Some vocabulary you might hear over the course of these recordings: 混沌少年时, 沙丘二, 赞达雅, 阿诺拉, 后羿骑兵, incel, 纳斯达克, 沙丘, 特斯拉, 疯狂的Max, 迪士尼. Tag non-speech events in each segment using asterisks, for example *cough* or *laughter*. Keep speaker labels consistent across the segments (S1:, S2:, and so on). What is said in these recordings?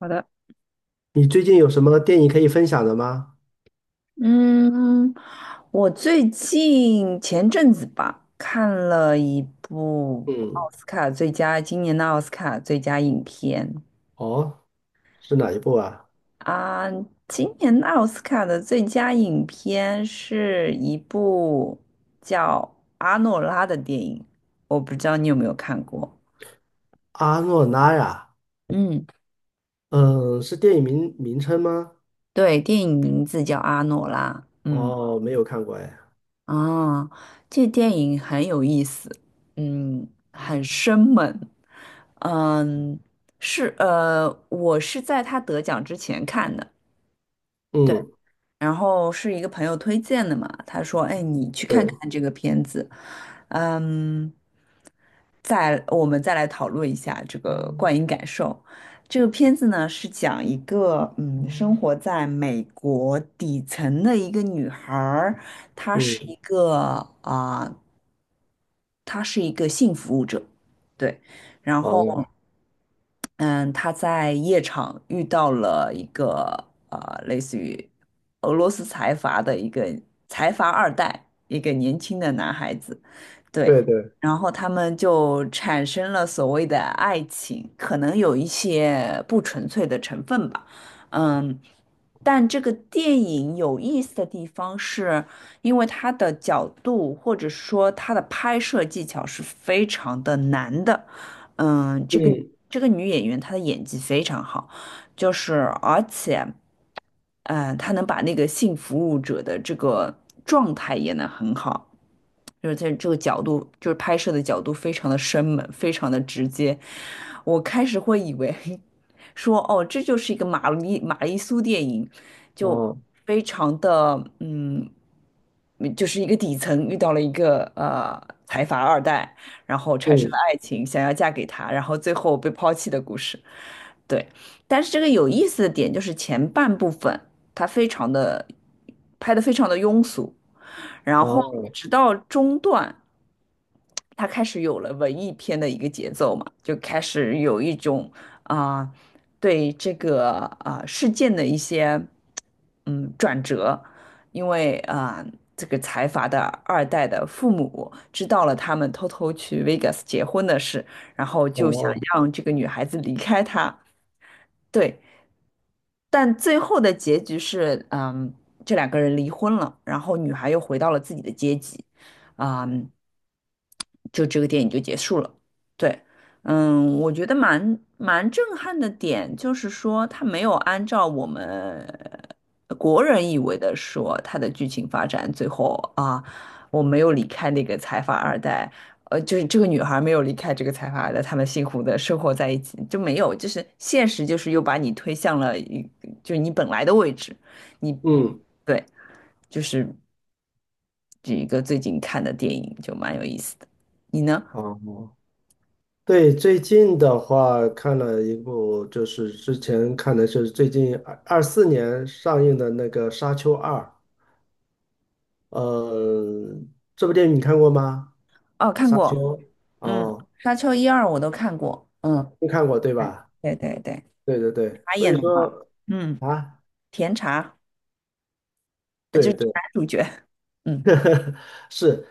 S1: 好的，
S2: 你最近有什么电影可以分享的吗？
S1: 嗯，我最近前阵子吧，看了一部
S2: 嗯，
S1: 奥斯卡最佳，今年的奥斯卡最佳影片
S2: 哦，是哪一部啊？
S1: 啊，今年的奥斯卡的最佳影片是一部叫《阿诺拉》的电影，我不知道你有没有看过。
S2: 阿诺拉呀，
S1: 嗯，
S2: 嗯，是电影名称吗？
S1: 对，电影名字叫《阿诺拉》。嗯。
S2: 哦，没有看过哎。
S1: 啊，这电影很有意思，嗯，很生猛，嗯，我是在他得奖之前看的，对。
S2: 嗯，
S1: 然后是一个朋友推荐的嘛，他说：“哎，你去看
S2: 对，
S1: 看这个片子，嗯，我们再来讨论一下这个观影感受。这个片子呢是讲一个生活在美国底层的一个女孩儿，她是
S2: 嗯，
S1: 一个啊、她是一个性服务者，对，然后。”
S2: 哦，
S1: 嗯，他在夜场遇到了一个类似于俄罗斯财阀的一个财阀二代，一个年轻的男孩子，
S2: 对
S1: 对，
S2: 对，
S1: 然后他们就产生了所谓的爱情，可能有一些不纯粹的成分吧，嗯，但这个电影有意思的地方是，因为它的角度或者说它的拍摄技巧是非常的难的。嗯，这个
S2: 嗯，
S1: 这个女演员她的演技非常好，就是而且，她能把那个性服务者的这个状态演得很好，就是在这个角度，就是拍摄的角度非常的生猛，非常的直接。我开始会以为 *laughs* 说，哦，这就是一个玛丽苏电影，就
S2: 哦，
S1: 非常的就是一个底层遇到了一个财阀二代。然后产生了
S2: 嗯，
S1: 爱情，想要嫁给他，然后最后被抛弃的故事。对，但是这个有意思的点就是前半部分它非常的拍的非常的庸俗，然后
S2: 哦，
S1: 直到中段。他开始有了文艺片的一个节奏嘛，就开始有一种啊、对这个事件的一些转折，因为这个财阀的二代的父母知道了他们偷偷去 Vegas 结婚的事，然后就想
S2: 哦，
S1: 让这个女孩子离开他，对，但最后的结局是这两个人离婚了，然后女孩又回到了自己的阶级，啊、嗯就这个电影就结束了。对，我觉得蛮震撼的点就是说，它没有按照我们国人以为的说它的剧情发展，最后啊，我没有离开那个财阀二代，就是这个女孩没有离开这个财阀二代，他们幸福的生活在一起，就没有，就是现实就是又把你推向了一，就是你本来的位置，你
S2: 嗯，
S1: 对，就是这一个最近看的电影就蛮有意思的，你呢？
S2: 哦，对，最近的话看了一部，就是之前看的是最近2024年上映的那个《沙丘二》。呃，这部电影你看过吗？
S1: 哦，看
S2: 《沙丘》
S1: 过。嗯，
S2: 哦，
S1: 《沙丘》一二我都看过，嗯，
S2: 没看过对
S1: 哎
S2: 吧？
S1: 对对对，
S2: 对对对，
S1: 茶
S2: 所
S1: 也
S2: 以
S1: 能啊，
S2: 说
S1: 嗯，
S2: 啊，
S1: 甜茶就是
S2: 对对，
S1: 男主角，*laughs* 嗯
S2: *laughs* 是，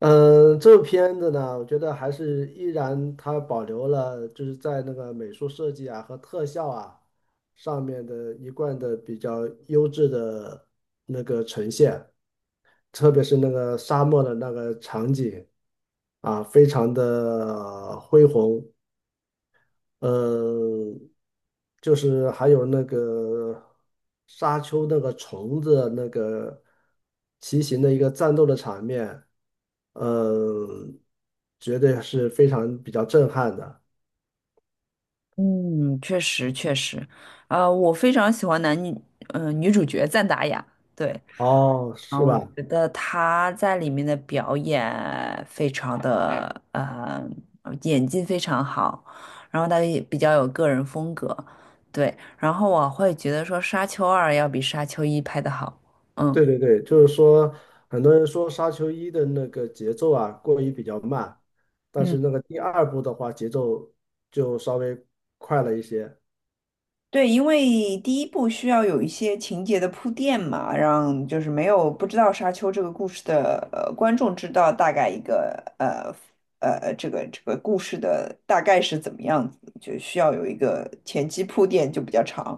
S2: 这部片子呢，我觉得还是依然它保留了就是在那个美术设计啊和特效啊上面的一贯的比较优质的，特别是那个沙漠的那个场景啊，非常的恢宏。呃，就是还有那个沙丘那个虫子那个骑行的一个战斗的场面，嗯，绝对是非常比较震撼的。
S1: 嗯，确实确实，我非常喜欢女主角赞达雅，对，
S2: 哦，是
S1: 我
S2: 吧？
S1: 觉得她在里面的表演非常的，演技非常好，然后她也比较有个人风格，对，然后我会觉得说《沙丘二》要比《沙丘一》拍的好，嗯。
S2: 对对对，就是说，很多人说《沙丘一》的那个节奏啊过于比较慢，但
S1: 嗯。
S2: 是那个第二部的话节奏就稍微快了一些。
S1: 对，因为第一部需要有一些情节的铺垫嘛，让就是没有不知道《沙丘》这个故事的观众知道大概一个呃这个故事的大概是怎么样子，就需要有一个前期铺垫就比较长，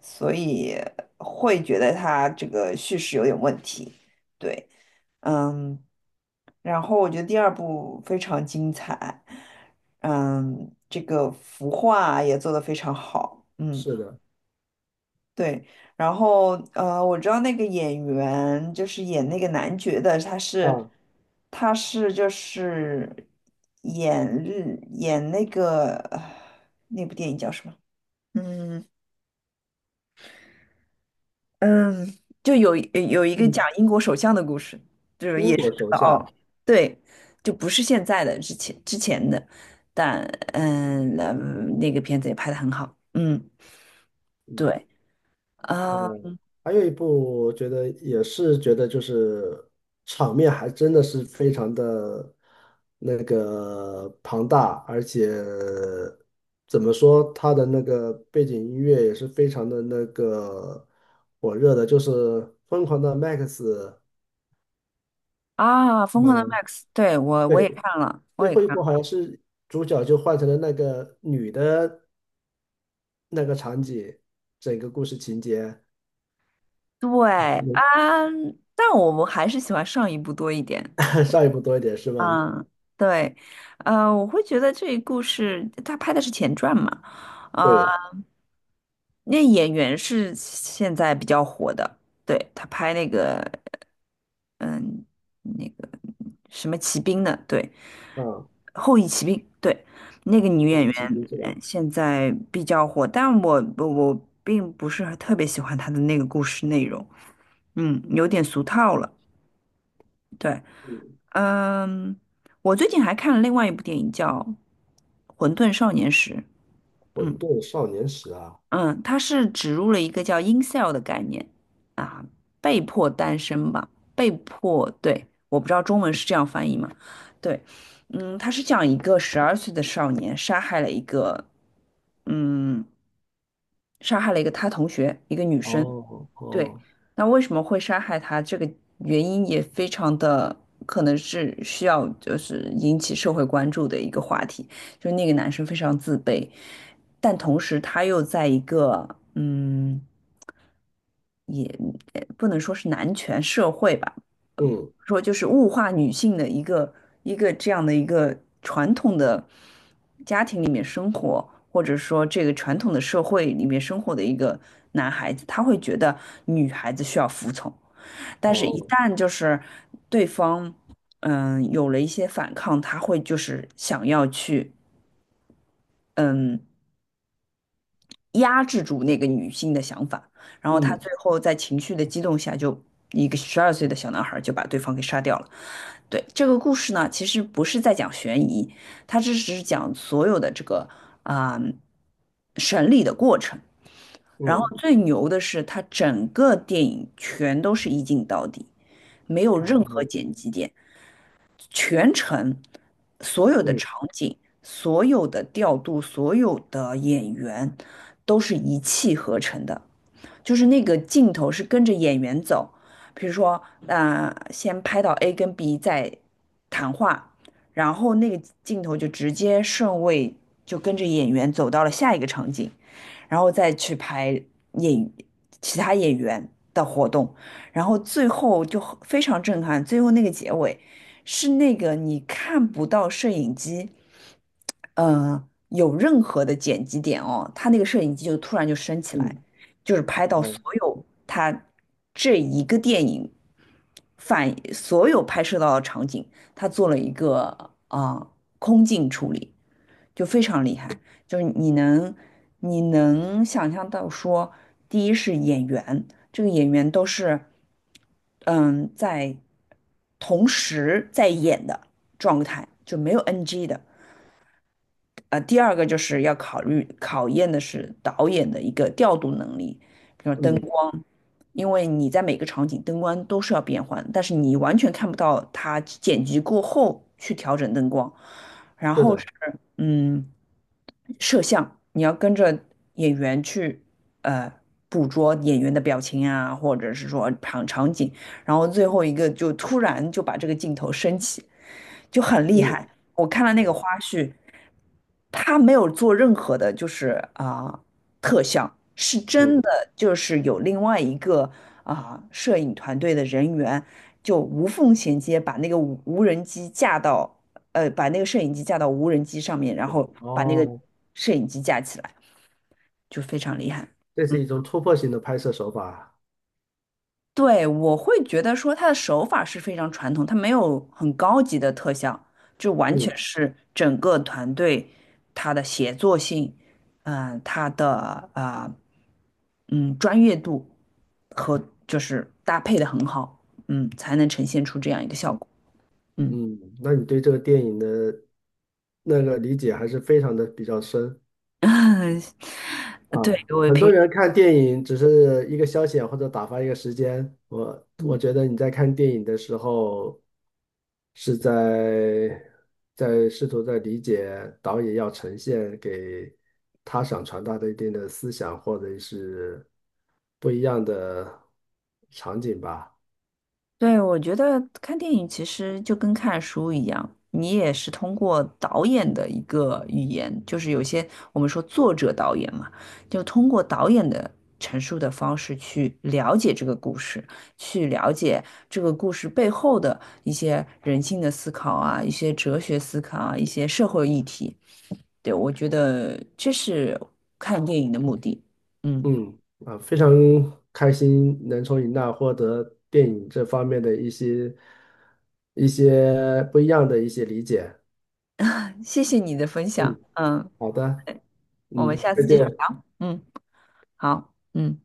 S1: 所以会觉得它这个叙事有点问题。对，嗯，然后我觉得第二部非常精彩，这个服化也做得非常好，嗯。
S2: 是的，
S1: 对，然后我知道那个演员就是演那个男爵的，他是
S2: 啊，
S1: 他是就是演那个那部电影叫什么？嗯嗯，就有一个讲
S2: 嗯，
S1: 英国首相的故事
S2: 英国手下。
S1: 哦，对，就不是现在的，之前的，但嗯，那那个片子也拍的很好，嗯，对，啊
S2: 还有一部，我觉得也是觉得就是场面还真的是非常的那个庞大，而且怎么说，它的那个背景音乐也是非常的那个火热的，就是《疯狂的 Max》。
S1: 啊，《疯狂的
S2: 嗯，
S1: Max》，对，我也
S2: 对，
S1: 看了，我
S2: 最
S1: 也
S2: 后一
S1: 看
S2: 部
S1: 了。
S2: 好像是主角就换成了那个女的那个场景，整个故事情节，
S1: 对
S2: 嗯
S1: 啊，但我们还是喜欢上一部多一点。
S2: *laughs* 上一部多一点是吗？
S1: 嗯，对，我会觉得这个故事他拍的是前传嘛，呃，
S2: 对，
S1: 那演员是现在比较火的，对，他拍那个。嗯，那个什么骑兵的，对，
S2: 啊，
S1: 《后羿骑兵》对，那个女
S2: 我
S1: 演
S2: 们
S1: 员
S2: 骑兵是吧？
S1: 现在比较火，但我并不是特别喜欢她的那个故事内容，有点俗套了。对，
S2: 嗯，
S1: 嗯，我最近还看了另外一部电影叫《混沌少年时》，嗯。
S2: 混沌少年时啊，
S1: 嗯，它是植入了一个叫 incel 的概念啊，被迫单身吧，被迫，对，我不知道中文是这样翻译吗？对，它是讲一个十二岁的少年嗯，杀害了一个他同学，一个女生，
S2: 哦
S1: 对，
S2: 哦，
S1: 那为什么会杀害他？这个原因也非常的可能是需要就是引起社会关注的一个话题。就那个男生非常自卑，但同时他又在一个嗯，也也不能说是男权社会吧。
S2: 嗯
S1: 说就是物化女性的一个这样的一个传统的家庭里面生活，或者说这个传统的社会里面生活的一个男孩子，他会觉得女孩子需要服从，但是一
S2: 哦
S1: 旦就是对方有了一些反抗，他会就是想要去嗯压制住那个女性的想法，然后他最
S2: 嗯
S1: 后在情绪的激动下就，一个十二岁的小男孩就把对方给杀掉了。对，这个故事呢，其实不是在讲悬疑，它只是讲所有的这个啊、审理的过程。然后
S2: 嗯，
S1: 最牛的是，它整个电影全都是一镜到底，没有任何
S2: 哦
S1: 剪辑点。全程所有的
S2: 嗯
S1: 场景、所有的调度、所有的演员都是一气呵成的。就是那个镜头是跟着演员走，比如说，先拍到 A 跟 B 在谈话，然后那个镜头就直接顺位就跟着演员走到了下一个场景，然后再去拍演其他演员的活动，然后最后就很非常震撼，最后那个结尾是那个你看不到摄影机。有任何的剪辑点哦，他那个摄影机就突然就升起来，
S2: 嗯
S1: 就是拍到
S2: 哦
S1: 所有他这一个电影反所有拍摄到的场景，他做了一个啊、呃空镜处理，就非常厉害。就是你能想象到说，第一是演员，这个演员都是嗯在同时在演的状态，就没有 NG 的。第二个就是要考验的是导演的一个调度能力，比如灯
S2: 嗯，
S1: 光，因为你在每个场景灯光都是要变换，但是你完全看不到他剪辑过后去调整灯光。然
S2: 是
S1: 后
S2: 的，
S1: 是，嗯，摄像，你要跟着演员去呃捕捉演员的表情啊，或者是说场景，然后最后一个就突然就把这个镜头升起，就很厉害。
S2: 嗯
S1: 我看了那个花
S2: 哦
S1: 絮，他没有做任何的，就是特效，是真
S2: 嗯
S1: 的，就是有另外一个摄影团队的人员就无缝衔接，把那个无人机架到。把那个摄影机架到无人机上面，然
S2: 嗯
S1: 后把那个
S2: 哦，
S1: 摄影机架起来，就非常厉害。
S2: 这是
S1: 嗯，
S2: 一种突破性的拍摄手法啊。
S1: 对，我会觉得说他的手法是非常传统，他没有很高级的特效，就完全
S2: 嗯
S1: 是整个团队他的协作性，它的专业度和就是搭配的很好，才能呈现出这样一个效果。嗯，
S2: 嗯，那你对这个电影的那个理解还是非常的比较深。
S1: *laughs* 对，
S2: 啊，
S1: 我
S2: 很
S1: 平
S2: 多
S1: 时。
S2: 人看电影只是一个消遣或者打发一个时间，我
S1: 嗯
S2: 觉得你在看电影的时候是在试图在理解导演要呈现给他想传达的一定的思想或者是不一样的场景吧。
S1: 对，我觉得看电影其实就跟看书一样，你也是通过导演的一个语言，就是有些我们说作者导演嘛，就通过导演的陈述的方式去了解这个故事，去了解这个故事背后的一些人性的思考啊，一些哲学思考啊，一些社会议题。对，我觉得这是看电影的目的。嗯，
S2: 嗯，啊，非常开心能从你那获得电影这方面的一些不一样的一些理解。
S1: 谢谢你的分享。
S2: 嗯。
S1: 嗯，
S2: 好的，
S1: 我们
S2: 嗯，
S1: 下
S2: 再
S1: 次继续
S2: 见。
S1: 聊。嗯，好。嗯。